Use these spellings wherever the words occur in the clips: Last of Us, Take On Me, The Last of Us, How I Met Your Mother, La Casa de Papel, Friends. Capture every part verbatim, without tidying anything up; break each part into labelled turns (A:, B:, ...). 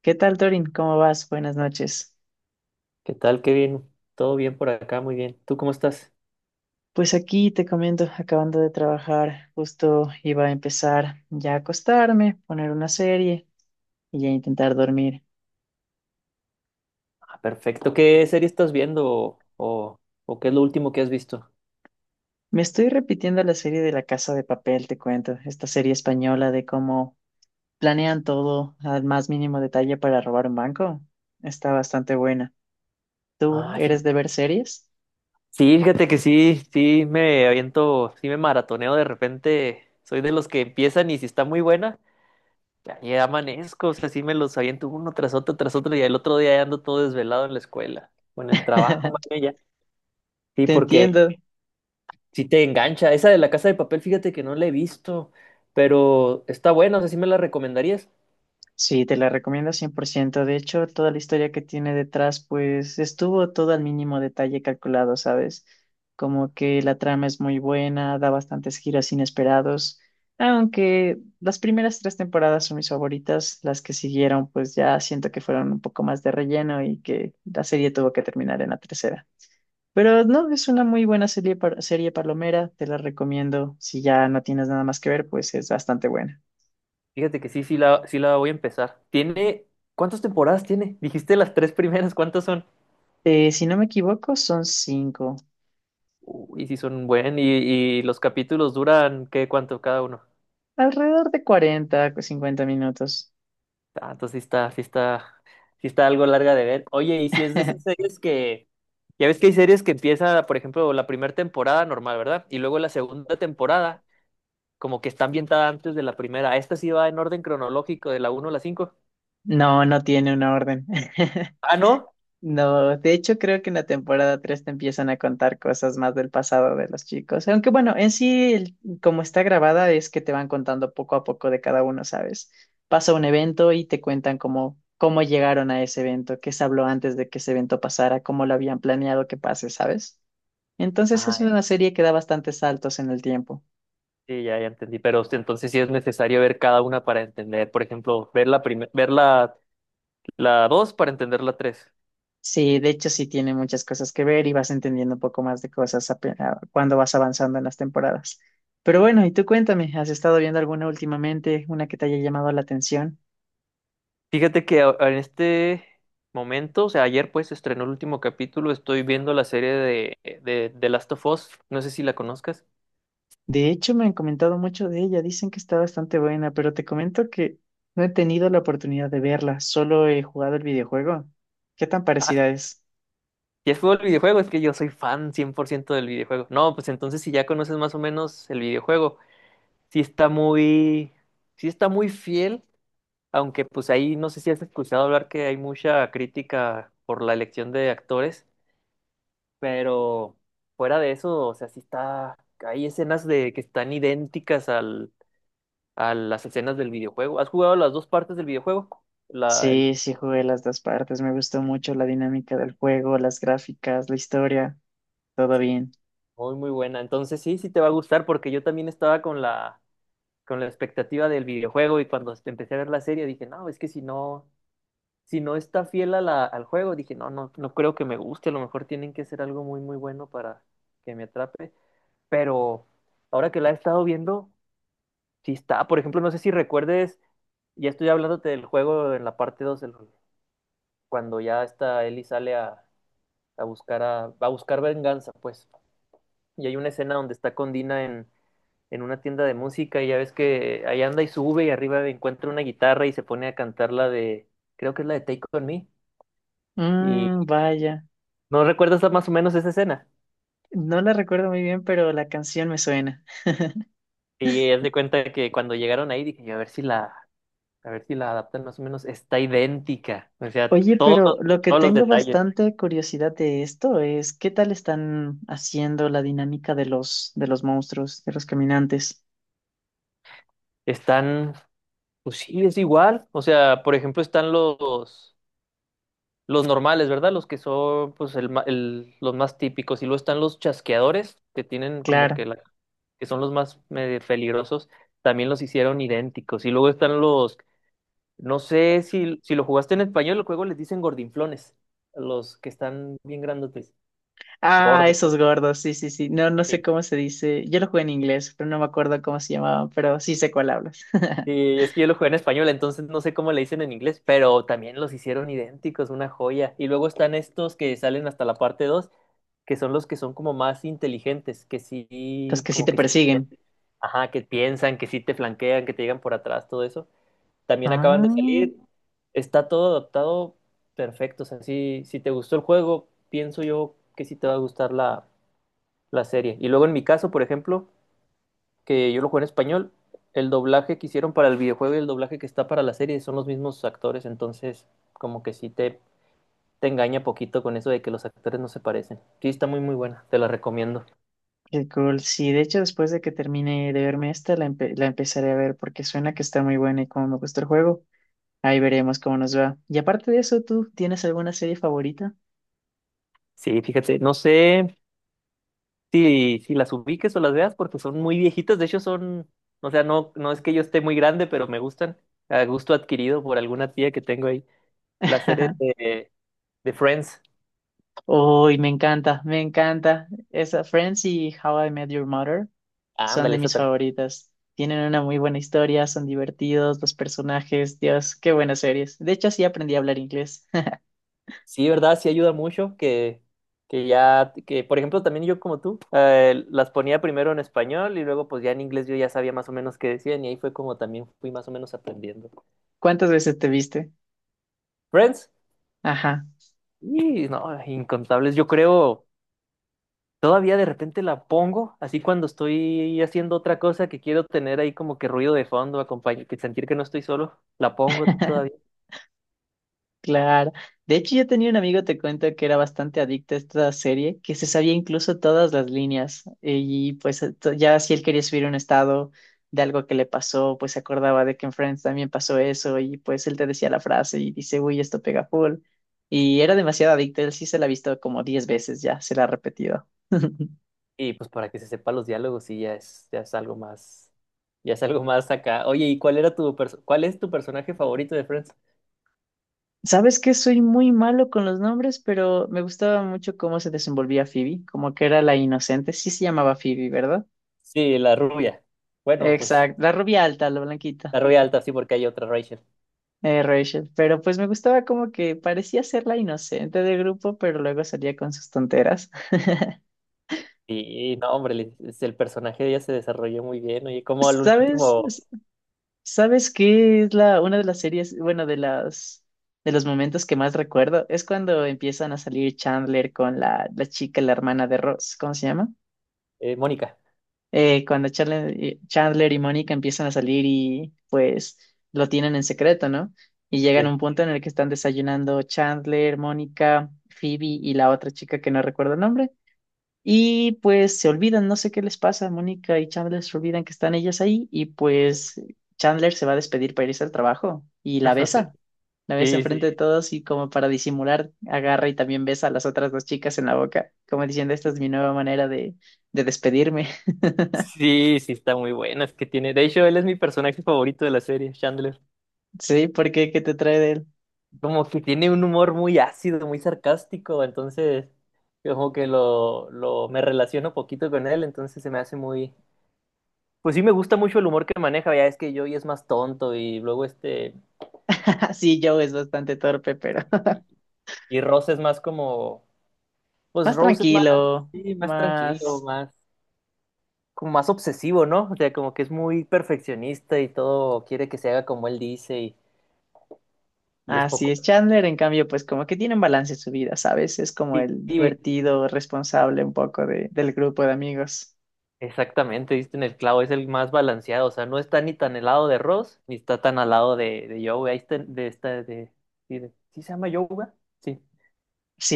A: ¿Qué tal, Torin? ¿Cómo vas? Buenas noches.
B: ¿Qué tal, Kevin? ¿Todo bien por acá? Muy bien. ¿Tú cómo estás?
A: Pues aquí te comento, acabando de trabajar, justo iba a empezar ya a acostarme, poner una serie y ya intentar dormir.
B: Ah, perfecto. ¿Qué serie estás viendo o, o- o qué es lo último que has visto?
A: Me estoy repitiendo la serie de La Casa de Papel, te cuento, esta serie española de cómo planean todo al más mínimo detalle para robar un banco. Está bastante buena. ¿Tú
B: Ah,
A: eres de
B: fíjate.
A: ver series?
B: Sí, fíjate que sí, sí me aviento, sí me maratoneo de repente. Soy de los que empiezan y si está muy buena, ya, ya amanezco, o sea, sí me los aviento uno tras otro, tras otro, y el otro día ya ando todo desvelado en la escuela o en el trabajo, más bien ya. Sí,
A: Te
B: porque
A: entiendo.
B: sí te engancha. Esa de La Casa de Papel, fíjate que no la he visto, pero está buena, o sea, sí me la recomendarías.
A: Sí, te la recomiendo cien por ciento. De hecho, toda la historia que tiene detrás, pues estuvo todo al mínimo detalle calculado, ¿sabes? Como que la trama es muy buena, da bastantes giros inesperados, aunque las primeras tres temporadas son mis favoritas, las que siguieron, pues ya siento que fueron un poco más de relleno y que la serie tuvo que terminar en la tercera. Pero no, es una muy buena serie, par- serie palomera, te la recomiendo. Si ya no tienes nada más que ver, pues es bastante buena.
B: Fíjate que sí, sí la, sí la voy a empezar. Tiene, ¿cuántas temporadas tiene? Dijiste las tres primeras, ¿cuántas son?
A: Eh, si no me equivoco, son cinco.
B: Uy, sí son buen, y, y los capítulos duran, ¿qué, cuánto cada uno?
A: Alrededor de cuarenta, cincuenta minutos.
B: Ah, entonces sí está, sí está, sí está algo larga de ver. Oye, y si es de esas series que, ya ves que hay series que empieza, por ejemplo, la primera temporada normal, ¿verdad? Y luego la segunda temporada, como que está ambientada antes de la primera. Esta sí va en orden cronológico, de la uno a la cinco.
A: No, no tiene una orden.
B: Ah, ¿no?
A: No, de hecho creo que en la temporada tres te empiezan a contar cosas más del pasado de los chicos. Aunque bueno, en sí, el- como está grabada, es que te van contando poco a poco de cada uno, ¿sabes? Pasa un evento y te cuentan cómo, cómo llegaron a ese evento, qué se habló antes de que ese evento pasara, cómo lo habían planeado que pase, ¿sabes? Entonces es
B: Ah,
A: una serie que da bastantes saltos en el tiempo.
B: sí, ya, ya entendí, pero este, entonces sí es necesario ver cada una para entender, por ejemplo, ver la primer- ver la, la dos para entender la tres.
A: Sí, de hecho sí tiene muchas cosas que ver y vas entendiendo un poco más de cosas ape- a- cuando vas avanzando en las temporadas. Pero bueno, y tú cuéntame, ¿has estado viendo alguna últimamente, una que te haya llamado la atención?
B: Fíjate que a- en este momento, o sea, ayer pues se estrenó el último capítulo, estoy viendo la serie de, de, de Last of Us, no sé si la conozcas.
A: De hecho, me han comentado mucho de ella, dicen que está bastante buena, pero te comento que no he tenido la oportunidad de verla, solo he jugado el videojuego. ¿Qué tan
B: Ah,
A: parecida es?
B: ya fue el videojuego, es que yo soy fan cien por ciento del videojuego. No, pues entonces si ya conoces más o menos el videojuego, sí está muy, sí está muy fiel. Aunque pues ahí no sé si has escuchado hablar que hay mucha crítica por la elección de actores, pero fuera de eso, o sea, sí está, hay escenas de que están idénticas al, a las escenas del videojuego. ¿Has jugado las dos partes del videojuego? La,
A: Sí,
B: el-
A: sí jugué las dos partes, me gustó mucho la dinámica del juego, las gráficas, la historia, todo
B: sí,
A: bien.
B: muy muy buena. Entonces sí, sí te va a gustar porque yo también estaba con la con la expectativa del videojuego, y cuando empecé a ver la serie dije, no, es que si no si no está fiel a la, al juego, dije, no, no, no creo que me guste, a lo mejor tienen que ser algo muy, muy bueno para que me atrape, pero ahora que la he estado viendo, sí está, por ejemplo, no sé si recuerdes, ya estoy hablándote del juego en la parte dos el- cuando ya está Ellie sale a, a buscar a, va a buscar venganza, pues, y hay una escena donde está con Dina en, en una tienda de música, y ya ves que ahí anda y sube y arriba encuentra una guitarra y se pone a cantar la de, creo que es la de Take On Me.
A: Mmm, vaya.
B: ¿No recuerdas más o menos esa escena?
A: No la recuerdo muy bien, pero la canción me suena.
B: Y haz de cuenta que cuando llegaron ahí dije, yo, a ver si la, a ver si la adaptan más o menos, está idéntica. O sea,
A: Oye,
B: todos,
A: pero lo que
B: todos los
A: tengo
B: detalles
A: bastante curiosidad de esto es qué tal están haciendo la dinámica de los de los monstruos, de los caminantes.
B: están, pues sí, es igual. O sea, por ejemplo, están los, los normales, ¿verdad? Los que son, pues, el, ma- el- los más típicos. Y luego están los chasqueadores, que tienen como
A: Claro.
B: que la, que son los más medio peligrosos. También los hicieron idénticos. Y luego están los, no sé si, si lo jugaste en español, el juego les dicen gordinflones, a los que están bien grandotes,
A: Ah,
B: gordos.
A: esos gordos, sí, sí, sí. No,
B: Sí,
A: no sé
B: sí.
A: cómo se dice. Yo lo jugué en inglés, pero no me acuerdo cómo se llamaban, pero sí sé cuál hablas.
B: Sí, es que yo lo jugué en español, entonces no sé cómo le dicen en inglés, pero también los hicieron idénticos, una joya. Y luego están estos que salen hasta la parte dos, que son los que son como más inteligentes, que
A: Los
B: sí,
A: que sí
B: como
A: te
B: que sí,
A: persiguen.
B: piensan. Ajá, que piensan, que sí te flanquean, que te llegan por atrás, todo eso. También acaban de
A: Ah,
B: salir. Está todo adaptado perfecto. O sea, si, si te gustó el juego, pienso yo que sí te va a gustar la, la serie. Y luego en mi caso, por ejemplo, que yo lo juego en español, el doblaje que hicieron para el videojuego y el doblaje que está para la serie son los mismos actores. Entonces, como que sí te, te engaña poquito con eso de que los actores no se parecen. Sí, está muy, muy buena. Te la recomiendo.
A: qué cool. Sí, de hecho, después de que termine de verme esta, la, empe- la empezaré a ver porque suena que está muy buena y como me gustó el juego. Ahí veremos cómo nos va. Y aparte de eso, ¿tú tienes alguna serie favorita?
B: Sí, fíjate, no sé. Sí, si las ubiques o las veas porque son muy viejitas, de hecho son, o sea, no, no es que yo esté muy grande, pero me gustan, a gusto adquirido por alguna tía que tengo ahí, la serie de, de Friends,
A: Uy, me encanta, me encanta. Esa Friends y How I Met Your Mother son
B: ándale,
A: de
B: esa
A: mis
B: también.
A: favoritas. Tienen una muy buena historia, son divertidos, los personajes, Dios, qué buenas series. De hecho, así aprendí a hablar inglés.
B: Sí, ¿verdad? Sí ayuda mucho que, que ya, que por ejemplo también yo como tú, eh, las ponía primero en español y luego pues ya en inglés yo ya sabía más o menos qué decían, y ahí fue como también fui más o menos aprendiendo.
A: ¿Cuántas veces te viste?
B: Friends,
A: Ajá.
B: y no, incontables, yo creo. Todavía de repente la pongo, así cuando estoy haciendo otra cosa que quiero tener ahí como que ruido de fondo, acompañe, que sentir que no estoy solo, la pongo todavía.
A: Claro. De hecho, yo tenía un amigo, te cuento, que era bastante adicto a esta serie, que se sabía incluso todas las líneas. Y pues eh, to- ya si él quería subir un estado de algo que le pasó, pues se acordaba de que en Friends también pasó eso. Y pues él te decía la frase y dice, uy, esto pega full. Y era demasiado adicto. Él sí se la ha visto como diez veces ya, se la ha repetido.
B: Y pues para que se sepa los diálogos, sí, ya es, ya es algo más, ya es algo más acá. Oye, ¿y cuál era tu perso- cuál es tu personaje favorito de Friends?
A: Sabes que soy muy malo con los nombres, pero me gustaba mucho cómo se desenvolvía Phoebe, como que era la inocente. Sí se llamaba Phoebe, ¿verdad?
B: Sí, la rubia. Bueno, pues
A: Exacto, la rubia alta, la blanquita,
B: la rubia alta, sí, porque hay otra Rachel.
A: eh, Rachel. Pero pues me gustaba como que parecía ser la inocente del grupo, pero luego salía con sus tonteras.
B: Y, y no, hombre, le- es el personaje de ella se desarrolló muy bien. Oye, como al
A: ¿Sabes?
B: último,
A: ¿Sabes qué es la, una de las series, bueno, de las, de los momentos que más recuerdo? Es cuando empiezan a salir Chandler con la, la chica, la hermana de Ross, ¿cómo se llama?
B: eh, Mónica.
A: Eh, cuando Chandler, y Chandler y Mónica empiezan a salir y pues lo tienen en secreto, ¿no? Y llegan a
B: Sí.
A: un punto en el que están desayunando Chandler, Mónica, Phoebe y la otra chica que no recuerdo el nombre. Y pues se olvidan, no sé qué les pasa, Mónica y Chandler se olvidan que están ellas ahí y pues Chandler se va a despedir para irse al trabajo y la besa. La besa
B: Sí, sí,
A: enfrente de todos y como para disimular, agarra y también besa a las otras dos chicas en la boca, como diciendo, esta es mi nueva manera de, de despedirme.
B: sí, sí, está muy buena. Es que tiene. De hecho, él es mi personaje favorito de la serie, Chandler.
A: Sí, ¿por qué? ¿Qué te trae de él?
B: Como que tiene un humor muy ácido, muy sarcástico. Entonces, yo como que lo, lo me relaciono poquito con él. Entonces se me hace muy. Pues sí, me gusta mucho el humor que maneja. Ya es que Joey es más tonto y luego este.
A: Sí, Joe es bastante torpe, pero
B: Y, y Rose es más como. Pues
A: más
B: Rose es más,
A: tranquilo,
B: sí, más tranquilo,
A: más...
B: más. Como más obsesivo, ¿no? O sea, como que es muy perfeccionista y todo quiere que se haga como él dice y, y es
A: Así
B: poco.
A: es, Chandler, en cambio, pues como que tiene un balance en su vida, ¿sabes? Es como el
B: Sí,
A: divertido, responsable un poco de, del grupo de amigos.
B: exactamente, diste en el clavo, es el más balanceado, o sea, no está ni tan helado de Ross, ni está tan al lado de, de Joey, ahí está, de esta, de, sí, de- ¿sí se llama Yoga? Sí,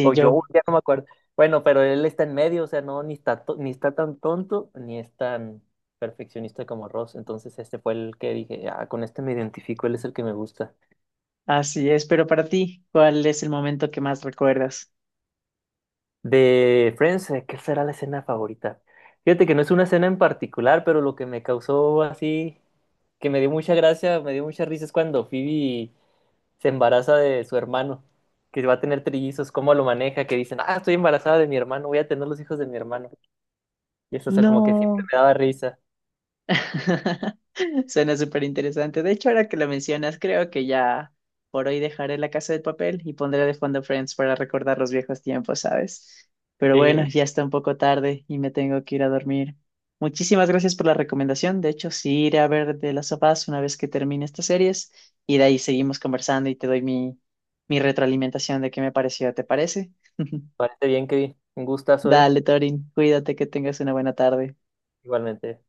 B: o Joey,
A: Joe,
B: ya no me acuerdo. Bueno, pero él está en medio, o sea, no, ni está, to- ni está tan tonto, ni es tan perfeccionista como Ross, entonces este fue el que dije, ah, con este me identifico, él es el que me gusta.
A: así es, pero para ti, ¿cuál es el momento que más recuerdas?
B: De Friends, eh, ¿qué será la escena favorita? Fíjate que no es una escena en particular, pero lo que me causó así, que me dio mucha gracia, me dio mucha risa es cuando Phoebe se embaraza de su hermano, que va a tener trillizos, cómo lo maneja, que dicen, ah, estoy embarazada de mi hermano, voy a tener los hijos de mi hermano. Y eso, o sea, como que siempre
A: No.
B: me daba risa.
A: Suena súper interesante. De hecho, ahora que lo mencionas, creo que ya por hoy dejaré La Casa de Papel y pondré de fondo Friends para recordar los viejos tiempos, ¿sabes? Pero bueno,
B: Sí,
A: ya está un poco tarde y me tengo que ir a dormir. Muchísimas gracias por la recomendación. De hecho, sí iré a ver de Las of Us una vez que termine estas series y de ahí seguimos conversando y te doy mi, mi retroalimentación de qué me pareció. ¿Te parece?
B: parece bien, que un gustazo, ¿eh?
A: Dale, Torin, cuídate, que tengas una buena tarde.
B: Igualmente.